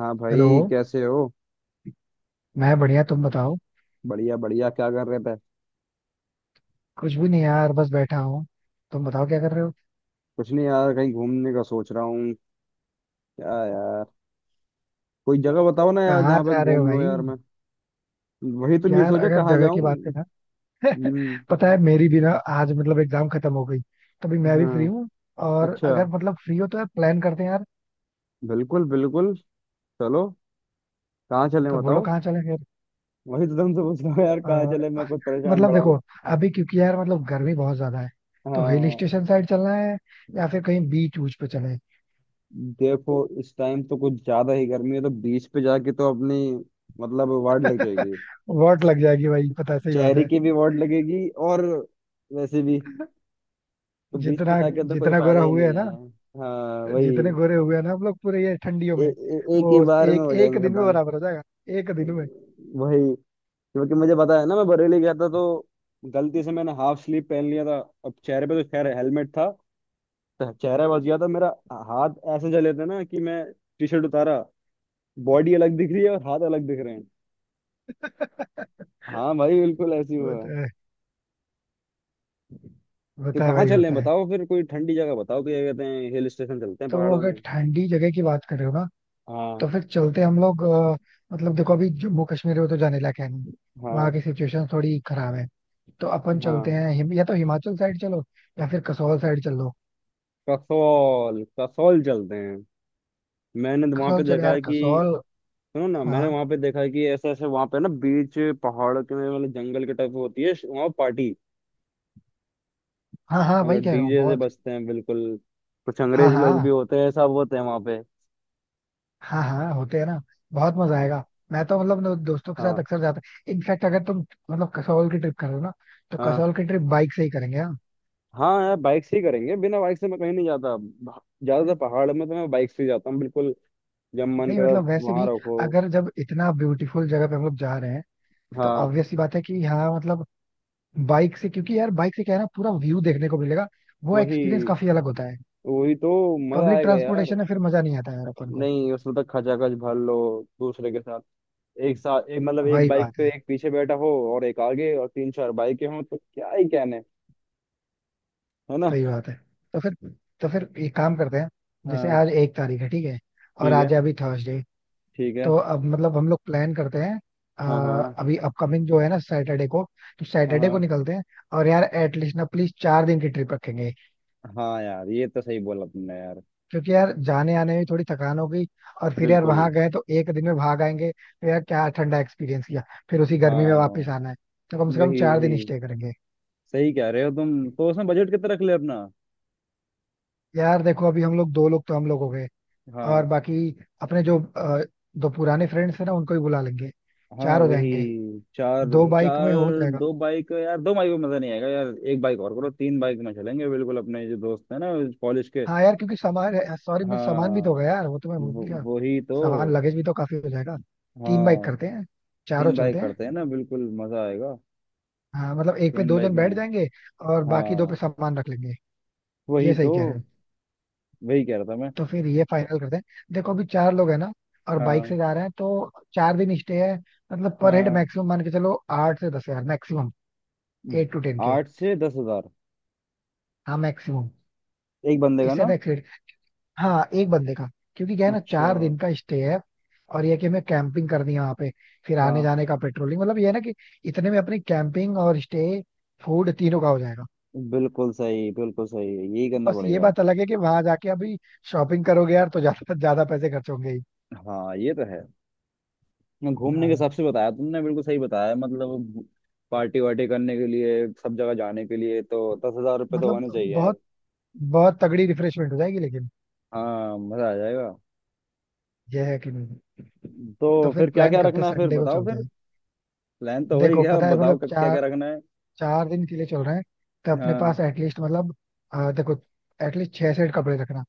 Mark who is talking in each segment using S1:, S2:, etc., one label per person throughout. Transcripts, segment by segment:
S1: हाँ
S2: हेलो।
S1: भाई, कैसे हो।
S2: मैं बढ़िया, तुम बताओ।
S1: बढ़िया बढ़िया, क्या कर रहे थे।
S2: कुछ भी नहीं यार, बस बैठा हूँ। तुम बताओ क्या कर रहे हो।
S1: कुछ नहीं यार, कहीं घूमने का सोच रहा हूँ। क्या यार। कोई जगह बताओ ना यार,
S2: कहाँ
S1: जहाँ पे
S2: जा रहे हो
S1: घूम लूँ
S2: भाई।
S1: यार मैं। वही तो नहीं
S2: यार
S1: सोचा
S2: अगर
S1: कहाँ
S2: जगह की बात
S1: जाऊँ।
S2: करें ना,
S1: हम्म।
S2: पता है मेरी भी ना, आज मतलब एग्जाम खत्म हो गई, तो अभी मैं भी फ्री
S1: हाँ।
S2: हूँ। और
S1: अच्छा।
S2: अगर मतलब फ्री हो तो यार प्लान करते हैं यार।
S1: बिल्कुल बिल्कुल। चलो। कहाँ चलें
S2: तो बोलो
S1: बताओ।
S2: कहाँ चले फिर।
S1: वही तो तुमसे पूछ रहा हूँ यार, कहाँ चले,
S2: अ,
S1: मैं कुछ परेशान
S2: मतलब
S1: बड़ा
S2: देखो,
S1: हूँ।
S2: अभी क्योंकि यार मतलब गर्मी बहुत ज्यादा है, तो हिल
S1: हाँ।
S2: स्टेशन साइड चलना है या फिर कहीं बीच ऊच पे चले।
S1: देखो, इस टाइम तो कुछ ज्यादा ही गर्मी है, तो बीच पे जाके तो अपनी मतलब वार्ड लग जाएगी।
S2: वॉट लग जाएगी भाई, पता सही बात
S1: चेहरे
S2: है।
S1: की भी वार्ड लगेगी, और वैसे भी, तो बीच पे
S2: जितना
S1: आके तो कोई
S2: जितना
S1: फायदा
S2: गोरा
S1: ही
S2: हुए है
S1: नहीं है।
S2: ना
S1: हाँ
S2: जितने
S1: वही।
S2: गोरे हुए हैं ना हम लोग पूरे ये ठंडियों
S1: ए,
S2: में,
S1: ए, एक
S2: वो
S1: ही बार में
S2: एक
S1: हो
S2: एक
S1: जाएंगे
S2: दिन में
S1: खत्म।
S2: बराबर हो जाएगा। एक दिन में।
S1: वही। क्योंकि मुझे पता है ना, मैं बरेली गया था तो गलती से मैंने हाफ स्लीव पहन लिया था। अब चेहरे पे तो खैर हेलमेट था, तो चेहरा बच गया था मेरा। हाथ ऐसे जले थे ना कि मैं टी शर्ट उतारा, बॉडी अलग दिख रही है और हाथ अलग दिख रहे हैं। हाँ भाई, बिल्कुल ऐसे ही हुआ।
S2: होता है,
S1: तो
S2: होता है
S1: कहाँ
S2: भाई,
S1: चल रहे हैं
S2: होता है।
S1: बताओ फिर, कोई ठंडी जगह बताओ, क्या कहते हैं, हिल स्टेशन चलते हैं
S2: तो
S1: पहाड़ों में।
S2: अगर ठंडी जगह की बात कर रहे हो ना,
S1: हाँ।
S2: तो फिर चलते हैं हम लोग। मतलब देखो, अभी जम्मू कश्मीर में तो जाने लायक है नहीं,
S1: हाँ।
S2: वहाँ की सिचुएशन थोड़ी खराब है। तो अपन चलते
S1: हाँ।
S2: हैं या तो हिमाचल साइड चलो, या फिर कसौल साइड चल लो।
S1: कसौल, कसौल चलते हैं। मैंने वहां पे
S2: कसौल चलो
S1: देखा
S2: यार,
S1: है कि
S2: कसौल।
S1: सुनो ना,
S2: हाँ
S1: मैंने वहां पे देखा है कि ऐसे ऐसे वहां पे ना बीच पहाड़ के मतलब जंगल के टाइप होती है वहां पार्टी।
S2: हाँ, हाँ वही
S1: मतलब
S2: कह रहा हूँ
S1: डीजे से
S2: बहुत।
S1: बजते हैं बिल्कुल। कुछ
S2: हाँ
S1: अंग्रेज लोग भी
S2: हाँ,
S1: होते हैं, सब होते हैं वहां पे।
S2: हाँ हाँ होते हैं ना। बहुत मजा
S1: हाँ
S2: आएगा। मैं तो मतलब अपने दोस्तों के साथ
S1: हाँ।
S2: अक्सर जाता हूँ। इनफैक्ट अगर तुम मतलब कसौल की ट्रिप कर रहे हो ना, तो
S1: हाँ।
S2: कसौल की ट्रिप बाइक से ही करेंगे, हाँ।
S1: हाँ यार बाइक से ही करेंगे, बिना बाइक से मैं कहीं नहीं जाता, ज्यादातर पहाड़ में तो मैं बाइक से ही जाता हूँ बिल्कुल। जब मन
S2: नहीं
S1: करा।
S2: मतलब वैसे
S1: वहां
S2: भी,
S1: रखो।
S2: अगर जब इतना ब्यूटीफुल जगह पे हम लोग जा रहे हैं, तो
S1: हाँ
S2: ऑब्वियस सी बात है कि हाँ मतलब बाइक से, क्योंकि यार बाइक से क्या है ना, पूरा व्यू देखने को मिलेगा। वो एक्सपीरियंस
S1: वही।
S2: काफी अलग होता है।
S1: वही तो। मजा
S2: पब्लिक
S1: आएगा यार।
S2: ट्रांसपोर्टेशन में फिर मजा नहीं आता यार अपन को।
S1: नहीं, उसमें तक खचाखच भर लो, दूसरे के साथ, एक साथ एक मतलब एक
S2: वही
S1: बाइक
S2: बात
S1: पे
S2: है।
S1: एक पीछे बैठा हो, और एक आगे और तीन चार बाइकें हों तो क्या ही कहने। है ना।
S2: सही बात है। तो फिर तो फिर एक काम करते हैं। जैसे
S1: हाँ।
S2: आज 1 तारीख है, ठीक है। और
S1: ठीक है
S2: आज है अभी थर्सडे।
S1: ठीक है।
S2: तो अब मतलब हम लोग प्लान करते हैं,
S1: हाँ हाँ।
S2: अभी अपकमिंग जो है ना, सैटरडे को। तो
S1: हाँ
S2: सैटरडे को
S1: हाँ।
S2: निकलते हैं। और यार एटलीस्ट ना प्लीज 4 दिन की ट्रिप रखेंगे।
S1: हाँ यार, ये तो सही बोला तुमने यार।
S2: क्योंकि यार जाने आने में थोड़ी थकान होगी, और फिर यार
S1: बिल्कुल।
S2: वहां गए तो 1 दिन में भाग आएंगे तो यार क्या ठंडा एक्सपीरियंस किया। फिर उसी गर्मी में वापस
S1: हाँ।
S2: आना है। तो कम से कम
S1: वही
S2: चार
S1: वही।
S2: दिन स्टे करेंगे।
S1: सही कह रहे हो तुम, तो उसमें बजट कितना रख ले अपना।
S2: यार देखो, अभी हम लोग दो लोग तो हम लोग हो गए, और
S1: हाँ।
S2: बाकी अपने जो दो पुराने फ्रेंड्स हैं ना, उनको भी बुला लेंगे।
S1: हाँ
S2: चार हो
S1: वही।
S2: जाएंगे।
S1: चार।
S2: दो बाइक
S1: चार।
S2: में हो जाएगा।
S1: दो बाइक यार, दो बाइक में मजा नहीं आएगा यार, एक बाइक और करो, तीन बाइक में चलेंगे बिल्कुल, अपने जो दोस्त है ना कॉलेज के।
S2: हाँ यार, क्योंकि सामान, सॉरी मैं सामान भी तो
S1: हाँ।
S2: होगा यार, वो तो मैं भूल गया।
S1: वही तो।
S2: सामान लगेज भी तो काफी हो जाएगा। तीन बाइक
S1: हाँ।
S2: करते हैं, चारों
S1: तीन
S2: चलते
S1: बाइक
S2: हैं।
S1: करते हैं ना, बिल्कुल मजा आएगा।
S2: हाँ मतलब एक पे
S1: तीन
S2: दो
S1: बाइक
S2: जन
S1: में।
S2: बैठ जाएंगे, और बाकी दो पे
S1: हाँ।
S2: सामान रख लेंगे। ये
S1: वही
S2: सही
S1: तो।
S2: कह रहे हो।
S1: वही कह रहा था मैं।
S2: तो फिर ये फाइनल करते हैं। देखो अभी चार लोग हैं ना, और बाइक से
S1: हाँ।
S2: जा रहे हैं, तो 4 दिन स्टे है मतलब, पर हेड
S1: हाँ।
S2: मैक्सिमम मान के चलो, 8 से 10 हजार मैक्सिमम। 8 to 10 के।
S1: 8 से 10 हज़ार।
S2: हाँ मैक्सिमम,
S1: एक बंदे का
S2: इससे
S1: ना।
S2: ज्यादा। हाँ एक बंदे का। क्योंकि क्या है ना,
S1: अच्छा।
S2: 4 दिन का स्टे है, और ये कि हमें कैंपिंग करनी है वहां पे। फिर आने
S1: हाँ।
S2: जाने का पेट्रोलिंग मतलब ये है ना कि इतने में अपनी कैंपिंग और स्टे, फूड तीनों का हो जाएगा।
S1: बिल्कुल सही, बिल्कुल सही, यही करना
S2: बस ये
S1: पड़ेगा।
S2: बात अलग है कि वहां जाके अभी शॉपिंग करोगे यार तो ज्यादा ज्यादा पैसे खर्च होंगे ही।
S1: हाँ ये तो है। ना, घूमने के
S2: हाँ
S1: हिसाब से बताया तुमने बिल्कुल सही बताया, मतलब पार्टी वार्टी करने के लिए, सब जगह जाने के लिए तो ₹10,000 तो
S2: मतलब
S1: होने चाहिए
S2: बहुत
S1: यार।
S2: बहुत तगड़ी रिफ्रेशमेंट हो जाएगी लेकिन।
S1: हाँ मजा आ जाएगा।
S2: ये है कि नहीं। तो
S1: तो
S2: फिर
S1: फिर क्या
S2: प्लान
S1: क्या
S2: करते हैं,
S1: रखना है फिर
S2: संडे को
S1: बताओ
S2: चलते
S1: फिर।
S2: हैं।
S1: प्लान तो हो ही
S2: देखो
S1: गया,
S2: पता
S1: अब
S2: है मतलब
S1: बताओ क्या
S2: चार
S1: क्या रखना है।
S2: चार दिन के लिए चल रहे हैं, तो अपने पास
S1: हाँ।
S2: एटलीस्ट मतलब, देखो एटलीस्ट 6 सेट कपड़े रखना,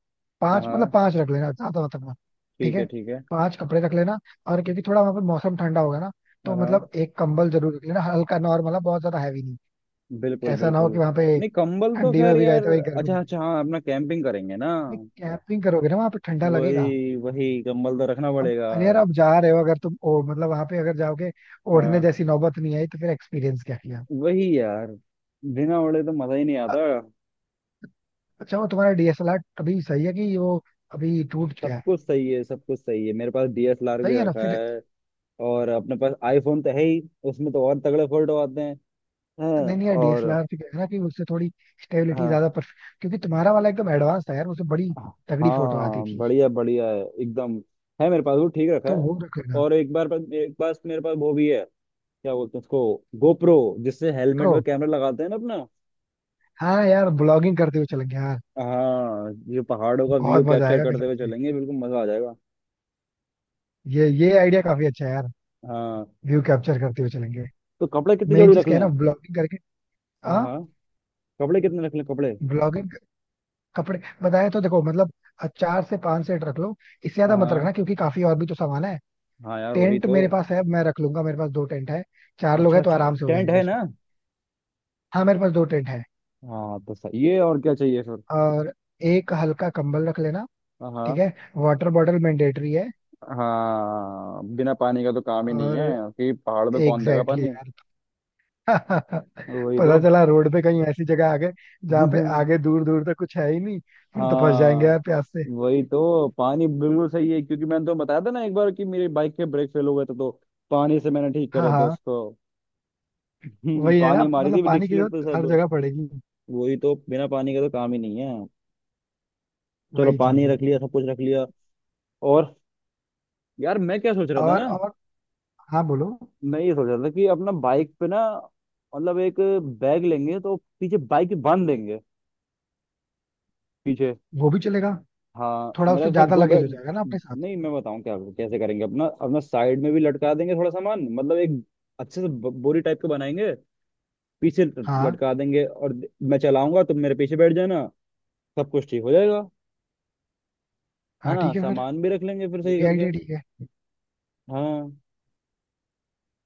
S1: हाँ।
S2: पांच मतलब
S1: हाँ,
S2: पांच रख लेना, ज्यादा मत रखना। ठीक
S1: ठीक
S2: है,
S1: है ठीक है।
S2: पांच कपड़े रख लेना। और क्योंकि थोड़ा वहां पर मौसम ठंडा होगा ना, तो
S1: हाँ हाँ।
S2: मतलब एक कंबल जरूर रख लेना, हल्का नॉर्मल है, बहुत ज्यादा हैवी नहीं।
S1: बिल्कुल
S2: ऐसा ना हो
S1: बिल्कुल।
S2: कि वहां पे
S1: नहीं, कंबल तो
S2: ठंडी में
S1: खैर
S2: भी गए
S1: यार।
S2: थे वही गर्मी लग
S1: अच्छा
S2: गई।
S1: अच्छा, हाँ, अपना कैंपिंग करेंगे ना।
S2: भाई कैंपिंग करोगे ना वहां पे ठंडा लगेगा।
S1: वही वही, कंबल तो रखना
S2: अब
S1: पड़ेगा।
S2: अरे यार अब जा रहे हो, अगर तुम ओ मतलब वहां पे अगर जाओगे, ओढ़ने
S1: हाँ।
S2: जैसी नौबत नहीं आई तो फिर एक्सपीरियंस क्या किया।
S1: वही यार, बिना ओढ़े तो मजा ही नहीं
S2: अ-
S1: आता।
S2: अच्छा वो तुम्हारा डीएसएलआर अभी सही है कि वो अभी टूट गया
S1: सब
S2: है?
S1: कुछ सही है, सब कुछ सही है, मेरे पास डीएसएलआर भी
S2: सही है ना
S1: रखा
S2: फिर।
S1: है। और अपने पास आईफोन तो है ही, उसमें तो और तगड़े फोटो आते हैं। हैं,
S2: नहीं नहीं यार
S1: और।
S2: डीएसएलआर से क्या है ना कि उससे थोड़ी स्टेबिलिटी
S1: हाँ।
S2: ज्यादा पर, क्योंकि तुम्हारा वाला एकदम एडवांस था यार, उससे बड़ी तगड़ी फोटो आती
S1: हाँ,
S2: थी।
S1: बढ़िया बढ़िया है एकदम, है मेरे पास, वो ठीक रखा है।
S2: तो वो रख लेना।
S1: और एक बार, एक बार मेरे पास वो भी है, क्या बोलते हैं उसको, गोप्रो, जिससे हेलमेट
S2: प्रो,
S1: में कैमरा लगाते हैं ना अपना।
S2: हाँ यार ब्लॉगिंग करते हुए चलेंगे यार।
S1: हाँ, जो पहाड़ों का व्यू
S2: बहुत मजा
S1: कैप्चर
S2: आएगा
S1: करते
S2: कसम
S1: हुए
S2: से।
S1: चलेंगे, बिल्कुल मजा आ जाएगा।
S2: ये आइडिया काफी अच्छा है यार।
S1: हाँ।
S2: व्यू कैप्चर करते हुए चलेंगे।
S1: तो कपड़े कितनी
S2: मेन
S1: जोड़ी
S2: चीज
S1: रख
S2: क्या है ना,
S1: लें।
S2: ब्लॉगिंग करके।
S1: हाँ
S2: हाँ,
S1: हाँ। कपड़े कितने रख लें कपड़े।
S2: ब्लॉगिंग। कपड़े बताया तो देखो मतलब, चार से पांच सेट रख लो, इससे
S1: हाँ
S2: ज्यादा मत रखना
S1: हाँ।
S2: क्योंकि काफी और भी तो सामान है।
S1: हाँ यार वही
S2: टेंट
S1: तो।
S2: मेरे पास है, मैं रख लूंगा, मेरे पास दो टेंट है। चार लोग
S1: अच्छा
S2: हैं तो
S1: अच्छा,
S2: आराम से हो
S1: टेंट
S2: जाएंगे
S1: है
S2: उसमें।
S1: ना।
S2: हाँ मेरे पास दो टेंट है।
S1: हाँ, तो सही है, और क्या चाहिए फिर।
S2: और एक हल्का कंबल रख लेना,
S1: हाँ।
S2: ठीक
S1: हाँ।
S2: है। वाटर बॉटल मैंडेटरी है।
S1: हाँ, बिना पानी का तो काम ही नहीं है।
S2: और
S1: कि पहाड़ में कौन देगा
S2: एग्जैक्टली
S1: पानी।
S2: exactly यार।
S1: वही
S2: पता
S1: तो।
S2: चला रोड पे कहीं ऐसी जगह आ गए जहाँ पे आगे दूर दूर तक कुछ है ही नहीं, फिर तो फंस जाएंगे
S1: हाँ
S2: यार प्यास से।
S1: वही तो, पानी बिल्कुल सही है, क्योंकि मैंने तो बताया था ना एक बार कि मेरी बाइक के ब्रेक फेल हो गए थे, तो पानी से मैंने ठीक
S2: हाँ
S1: करे थे
S2: हाँ,
S1: उसको।
S2: वही है ना
S1: पानी मारी
S2: मतलब,
S1: थी
S2: पानी की
S1: डिक्सलेट पे
S2: जरूरत हर
S1: सब।
S2: जगह पड़ेगी।
S1: वही तो, बिना पानी का तो काम ही नहीं है। चलो,
S2: वही चीज
S1: पानी
S2: है।
S1: रख लिया, सब कुछ रख लिया। और यार मैं क्या सोच रहा था
S2: और
S1: ना,
S2: और हाँ बोलो।
S1: मैं ये सोच रहा था कि अपना बाइक पे ना, मतलब एक बैग लेंगे तो पीछे बाइक बांध देंगे, पीछे।
S2: वो भी चलेगा,
S1: हाँ,
S2: थोड़ा
S1: मतलब
S2: उससे
S1: उसमें
S2: ज्यादा
S1: दो
S2: लगेज
S1: बैग।
S2: हो जाएगा ना अपने साथ।
S1: नहीं मैं बताऊं क्या, कैसे करेंगे अपना, अपना साइड में भी लटका देंगे थोड़ा सामान, मतलब एक अच्छे से बोरी टाइप का बनाएंगे, पीछे
S2: हाँ
S1: लटका देंगे, और मैं चलाऊंगा, तुम मेरे पीछे बैठ जाना, सब कुछ ठीक हो जाएगा। है
S2: हाँ
S1: ना,
S2: ठीक है फिर,
S1: सामान भी रख लेंगे फिर
S2: ये
S1: सही
S2: भी
S1: करके।
S2: आइडिया ठीक है।
S1: हाँ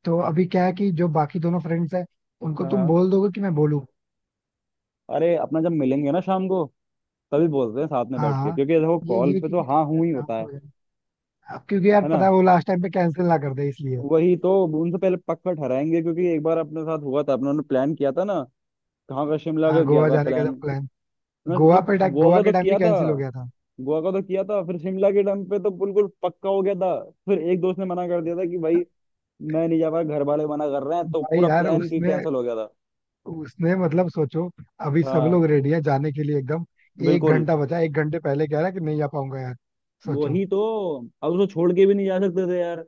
S2: तो अभी क्या है कि जो बाकी दोनों फ्रेंड्स हैं, उनको
S1: हाँ।
S2: तुम
S1: हाँ,
S2: बोल दोगे कि मैं बोलूँ।
S1: अरे अपना जब मिलेंगे ना शाम को तभी बोलते हैं साथ में
S2: हाँ
S1: बैठ के,
S2: हाँ,
S1: क्योंकि देखो
S2: ये
S1: कॉल
S2: ये
S1: पे तो
S2: चीजें ठीक
S1: हाँ
S2: है,
S1: हूँ ही
S2: शाम
S1: होता
S2: को
S1: है।
S2: हो जाए। अब क्योंकि
S1: है
S2: यार
S1: ना।
S2: पता है वो लास्ट टाइम पे कैंसिल ना कर दे, इसलिए।
S1: वही तो, उनसे पहले पक्का ठहराएंगे, क्योंकि एक बार अपने साथ हुआ था, अपने उन्होंने प्लान किया था ना, कहाँ का, शिमला का
S2: हाँ,
S1: किया
S2: गोवा
S1: था
S2: जाने का
S1: प्लान।
S2: जब प्लान।
S1: नहीं, गोवा
S2: गोवा
S1: का तो
S2: के टाइम भी
S1: किया था।
S2: कैंसिल हो गया था।
S1: गोवा का तो किया था, फिर शिमला के टाइम पे तो बिल्कुल पक्का हो गया था, फिर एक दोस्त ने मना कर दिया था कि भाई, मैं नहीं जा पाया, घर वाले मना कर रहे हैं, तो
S2: भाई
S1: पूरा
S2: यार,
S1: प्लान की
S2: उसने
S1: कैंसिल हो गया था।
S2: उसने मतलब सोचो, अभी सब
S1: हाँ।
S2: लोग रेडी है जाने के लिए एकदम, एक
S1: बिल्कुल।
S2: घंटा बचा, 1 घंटे पहले कह रहा है कि नहीं आ पाऊंगा यार। सोचो।
S1: वही तो, अब उसको छोड़ के भी नहीं जा सकते थे यार।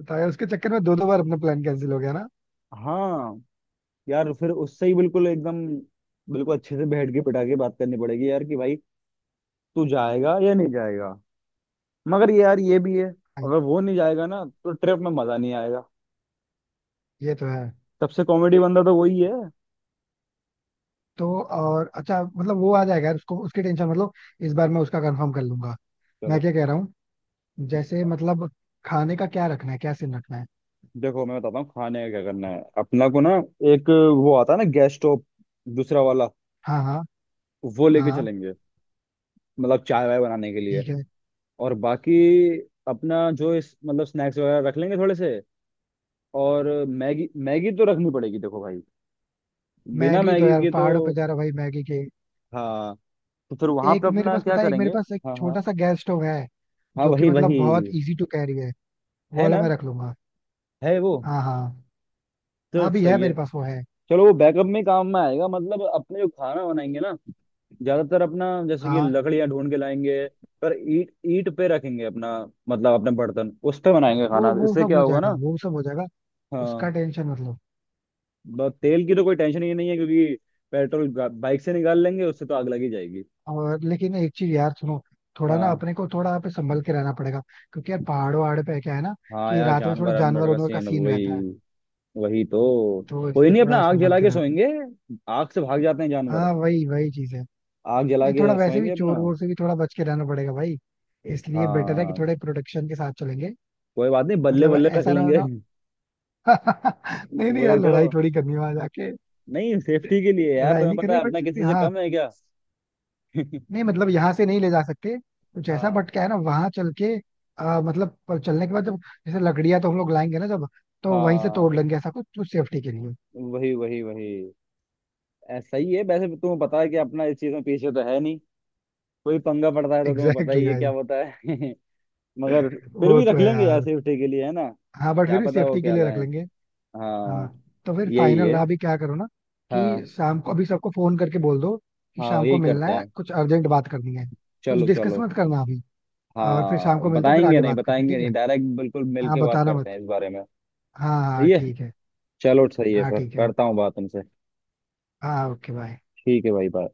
S2: बताया, उसके चक्कर में दो दो बार अपना प्लान कैंसिल हो गया ना।
S1: हाँ। यार फिर उससे ही बिल्कुल एकदम, बिल्कुल अच्छे से बैठ के पिटा के बात करनी पड़ेगी यार कि भाई, तू जाएगा या नहीं जाएगा। मगर ये यार ये भी है,
S2: भाई,
S1: अगर वो नहीं जाएगा ना तो ट्रिप में मजा नहीं आएगा।
S2: ये तो है।
S1: सबसे कॉमेडी बंदा तो वही है।
S2: तो और अच्छा मतलब वो आ जाएगा यार उसको, उसकी टेंशन मतलब, इस बार मैं उसका कंफर्म कर लूंगा। मैं
S1: चलो।
S2: क्या कह रहा हूँ, जैसे मतलब खाने का क्या रखना है, क्या सीन रखना है।
S1: देखो मैं बताता हूँ, खाने का क्या करना है अपना को ना। एक, वो आता है ना गैस स्टोव दूसरा वाला,
S2: हाँ हाँ,
S1: वो लेके
S2: हाँ
S1: चलेंगे, मतलब चाय वाय बनाने के लिए।
S2: ठीक है।
S1: और बाकी अपना जो इस मतलब स्नैक्स वगैरह रख लेंगे थोड़े से। और मैगी, मैगी तो रखनी पड़ेगी देखो भाई, बिना
S2: मैगी तो
S1: मैगी
S2: यार
S1: के तो।
S2: पहाड़ों पे जा रहा भाई मैगी के।
S1: हाँ। तो फिर वहां पे अपना क्या
S2: एक मेरे
S1: करेंगे।
S2: पास एक
S1: हाँ हाँ।
S2: छोटा सा गैस स्टोव है,
S1: हाँ
S2: जो कि
S1: वही
S2: मतलब
S1: वही।
S2: बहुत इजी टू कैरी है। वो
S1: है
S2: वाला
S1: ना,
S2: मैं रख लूंगा।
S1: है वो।
S2: हाँ हाँ,
S1: तो
S2: हाँ भी है
S1: सही है।
S2: मेरे पास, वो है।
S1: चलो, वो बैकअप में काम में आएगा, मतलब अपने जो खाना बनाएंगे ना, ज्यादातर अपना जैसे कि
S2: हाँ
S1: लकड़ियां ढूंढ के लाएंगे, पर ईट ईट पे रखेंगे अपना, मतलब अपने बर्तन उस पे बनाएंगे
S2: वो
S1: खाना,
S2: वो
S1: इससे
S2: सब
S1: क्या
S2: हो
S1: होगा
S2: जाएगा,
S1: ना।
S2: वो सब हो जाएगा। उसका
S1: हाँ।
S2: टेंशन मतलब।
S1: तेल की तो कोई टेंशन ही नहीं है, क्योंकि पेट्रोल बाइक से निकाल लेंगे, उससे तो आग लगी जाएगी।
S2: और लेकिन एक चीज यार सुनो, थोड़ा ना
S1: हाँ।
S2: अपने को थोड़ा यहाँ पे संभल के रहना पड़ेगा। क्योंकि यार पहाड़ों वहाड़ों पे क्या है ना,
S1: हाँ
S2: कि
S1: यार,
S2: रात में थोड़ा
S1: जानवर
S2: जानवर
S1: अनवर का
S2: वानवर का
S1: सीन,
S2: सीन रहता
S1: वही।
S2: है,
S1: वही तो,
S2: तो
S1: कोई
S2: इसलिए
S1: नहीं, अपना
S2: थोड़ा
S1: आग
S2: संभल
S1: जला
S2: के
S1: के
S2: रहना।
S1: सोएंगे, आग से भाग जाते हैं जानवर।
S2: हाँ वही वही चीज है।
S1: आग जला
S2: नहीं
S1: के
S2: थोड़ा वैसे
S1: सोएंगे
S2: भी
S1: अपना।
S2: चोर वोर से भी थोड़ा बच के रहना पड़ेगा भाई, इसलिए बेटर है कि
S1: हाँ।
S2: थोड़े प्रोटेक्शन के साथ चलेंगे।
S1: कोई बात नहीं, बल्ले
S2: मतलब
S1: बल्ले रख
S2: ऐसा ना हो
S1: लेंगे।
S2: ना, नहीं नहीं यार,
S1: वही तो,
S2: लड़ाई थोड़ी करनी है वहां जाके।
S1: नहीं सेफ्टी के लिए यार,
S2: लड़ाई
S1: तुम्हें
S2: नहीं
S1: पता
S2: करी
S1: है
S2: बट
S1: अपना
S2: फिर भी
S1: किसी से
S2: हाँ।
S1: कम है क्या।
S2: नहीं मतलब यहाँ से नहीं ले जा सकते कुछ ऐसा,
S1: हाँ।
S2: बट क्या है ना वहां चल के, मतलब पर चलने के बाद जब, जैसे लकड़ियां तो हम लोग लाएंगे ना जब, तो वहीं से
S1: हाँ
S2: तोड़ लेंगे ऐसा कुछ कुछ सेफ्टी के लिए।
S1: वही वही वही। ऐ, सही है वैसे, तुम्हें पता है कि अपना इस चीज में पीछे तो है नहीं, कोई पंगा पड़ता है तो तुम्हें
S2: एग्जैक्टली
S1: पता
S2: exactly
S1: ही है क्या
S2: भाई।
S1: होता है। मगर फिर
S2: वो
S1: भी
S2: तो
S1: रख
S2: है
S1: लेंगे यार
S2: यार।
S1: सेफ्टी के लिए, है ना।
S2: हाँ बट
S1: क्या
S2: फिर भी
S1: पता वो
S2: सेफ्टी के
S1: क्या
S2: लिए रख
S1: लाए।
S2: लेंगे। हाँ,
S1: हाँ।
S2: तो फिर
S1: यही
S2: फाइनल
S1: है।
S2: अभी क्या करो ना, कि
S1: हाँ।
S2: शाम को अभी सबको फोन करके बोल दो कि
S1: हाँ
S2: शाम को
S1: यही
S2: मिलना
S1: करते
S2: है,
S1: हैं,
S2: कुछ अर्जेंट बात करनी है। कुछ
S1: चलो
S2: डिस्कस
S1: चलो।
S2: मत करना अभी। और फिर शाम
S1: हाँ
S2: को मिलते हैं, फिर
S1: बताएंगे
S2: आगे
S1: नहीं,
S2: बात करते हैं,
S1: बताएंगे
S2: ठीक
S1: नहीं,
S2: है।
S1: डायरेक्ट बिल्कुल मिल
S2: हाँ
S1: के बात
S2: बताना मत।
S1: करते हैं इस बारे में।
S2: हाँ हाँ
S1: सही है।
S2: ठीक है।
S1: चलो सही है,
S2: हाँ
S1: फिर
S2: ठीक है,
S1: करता
S2: ओके।
S1: हूँ बात तुमसे।
S2: हाँ ओके, बाय।
S1: ठीक है भाई, बाय।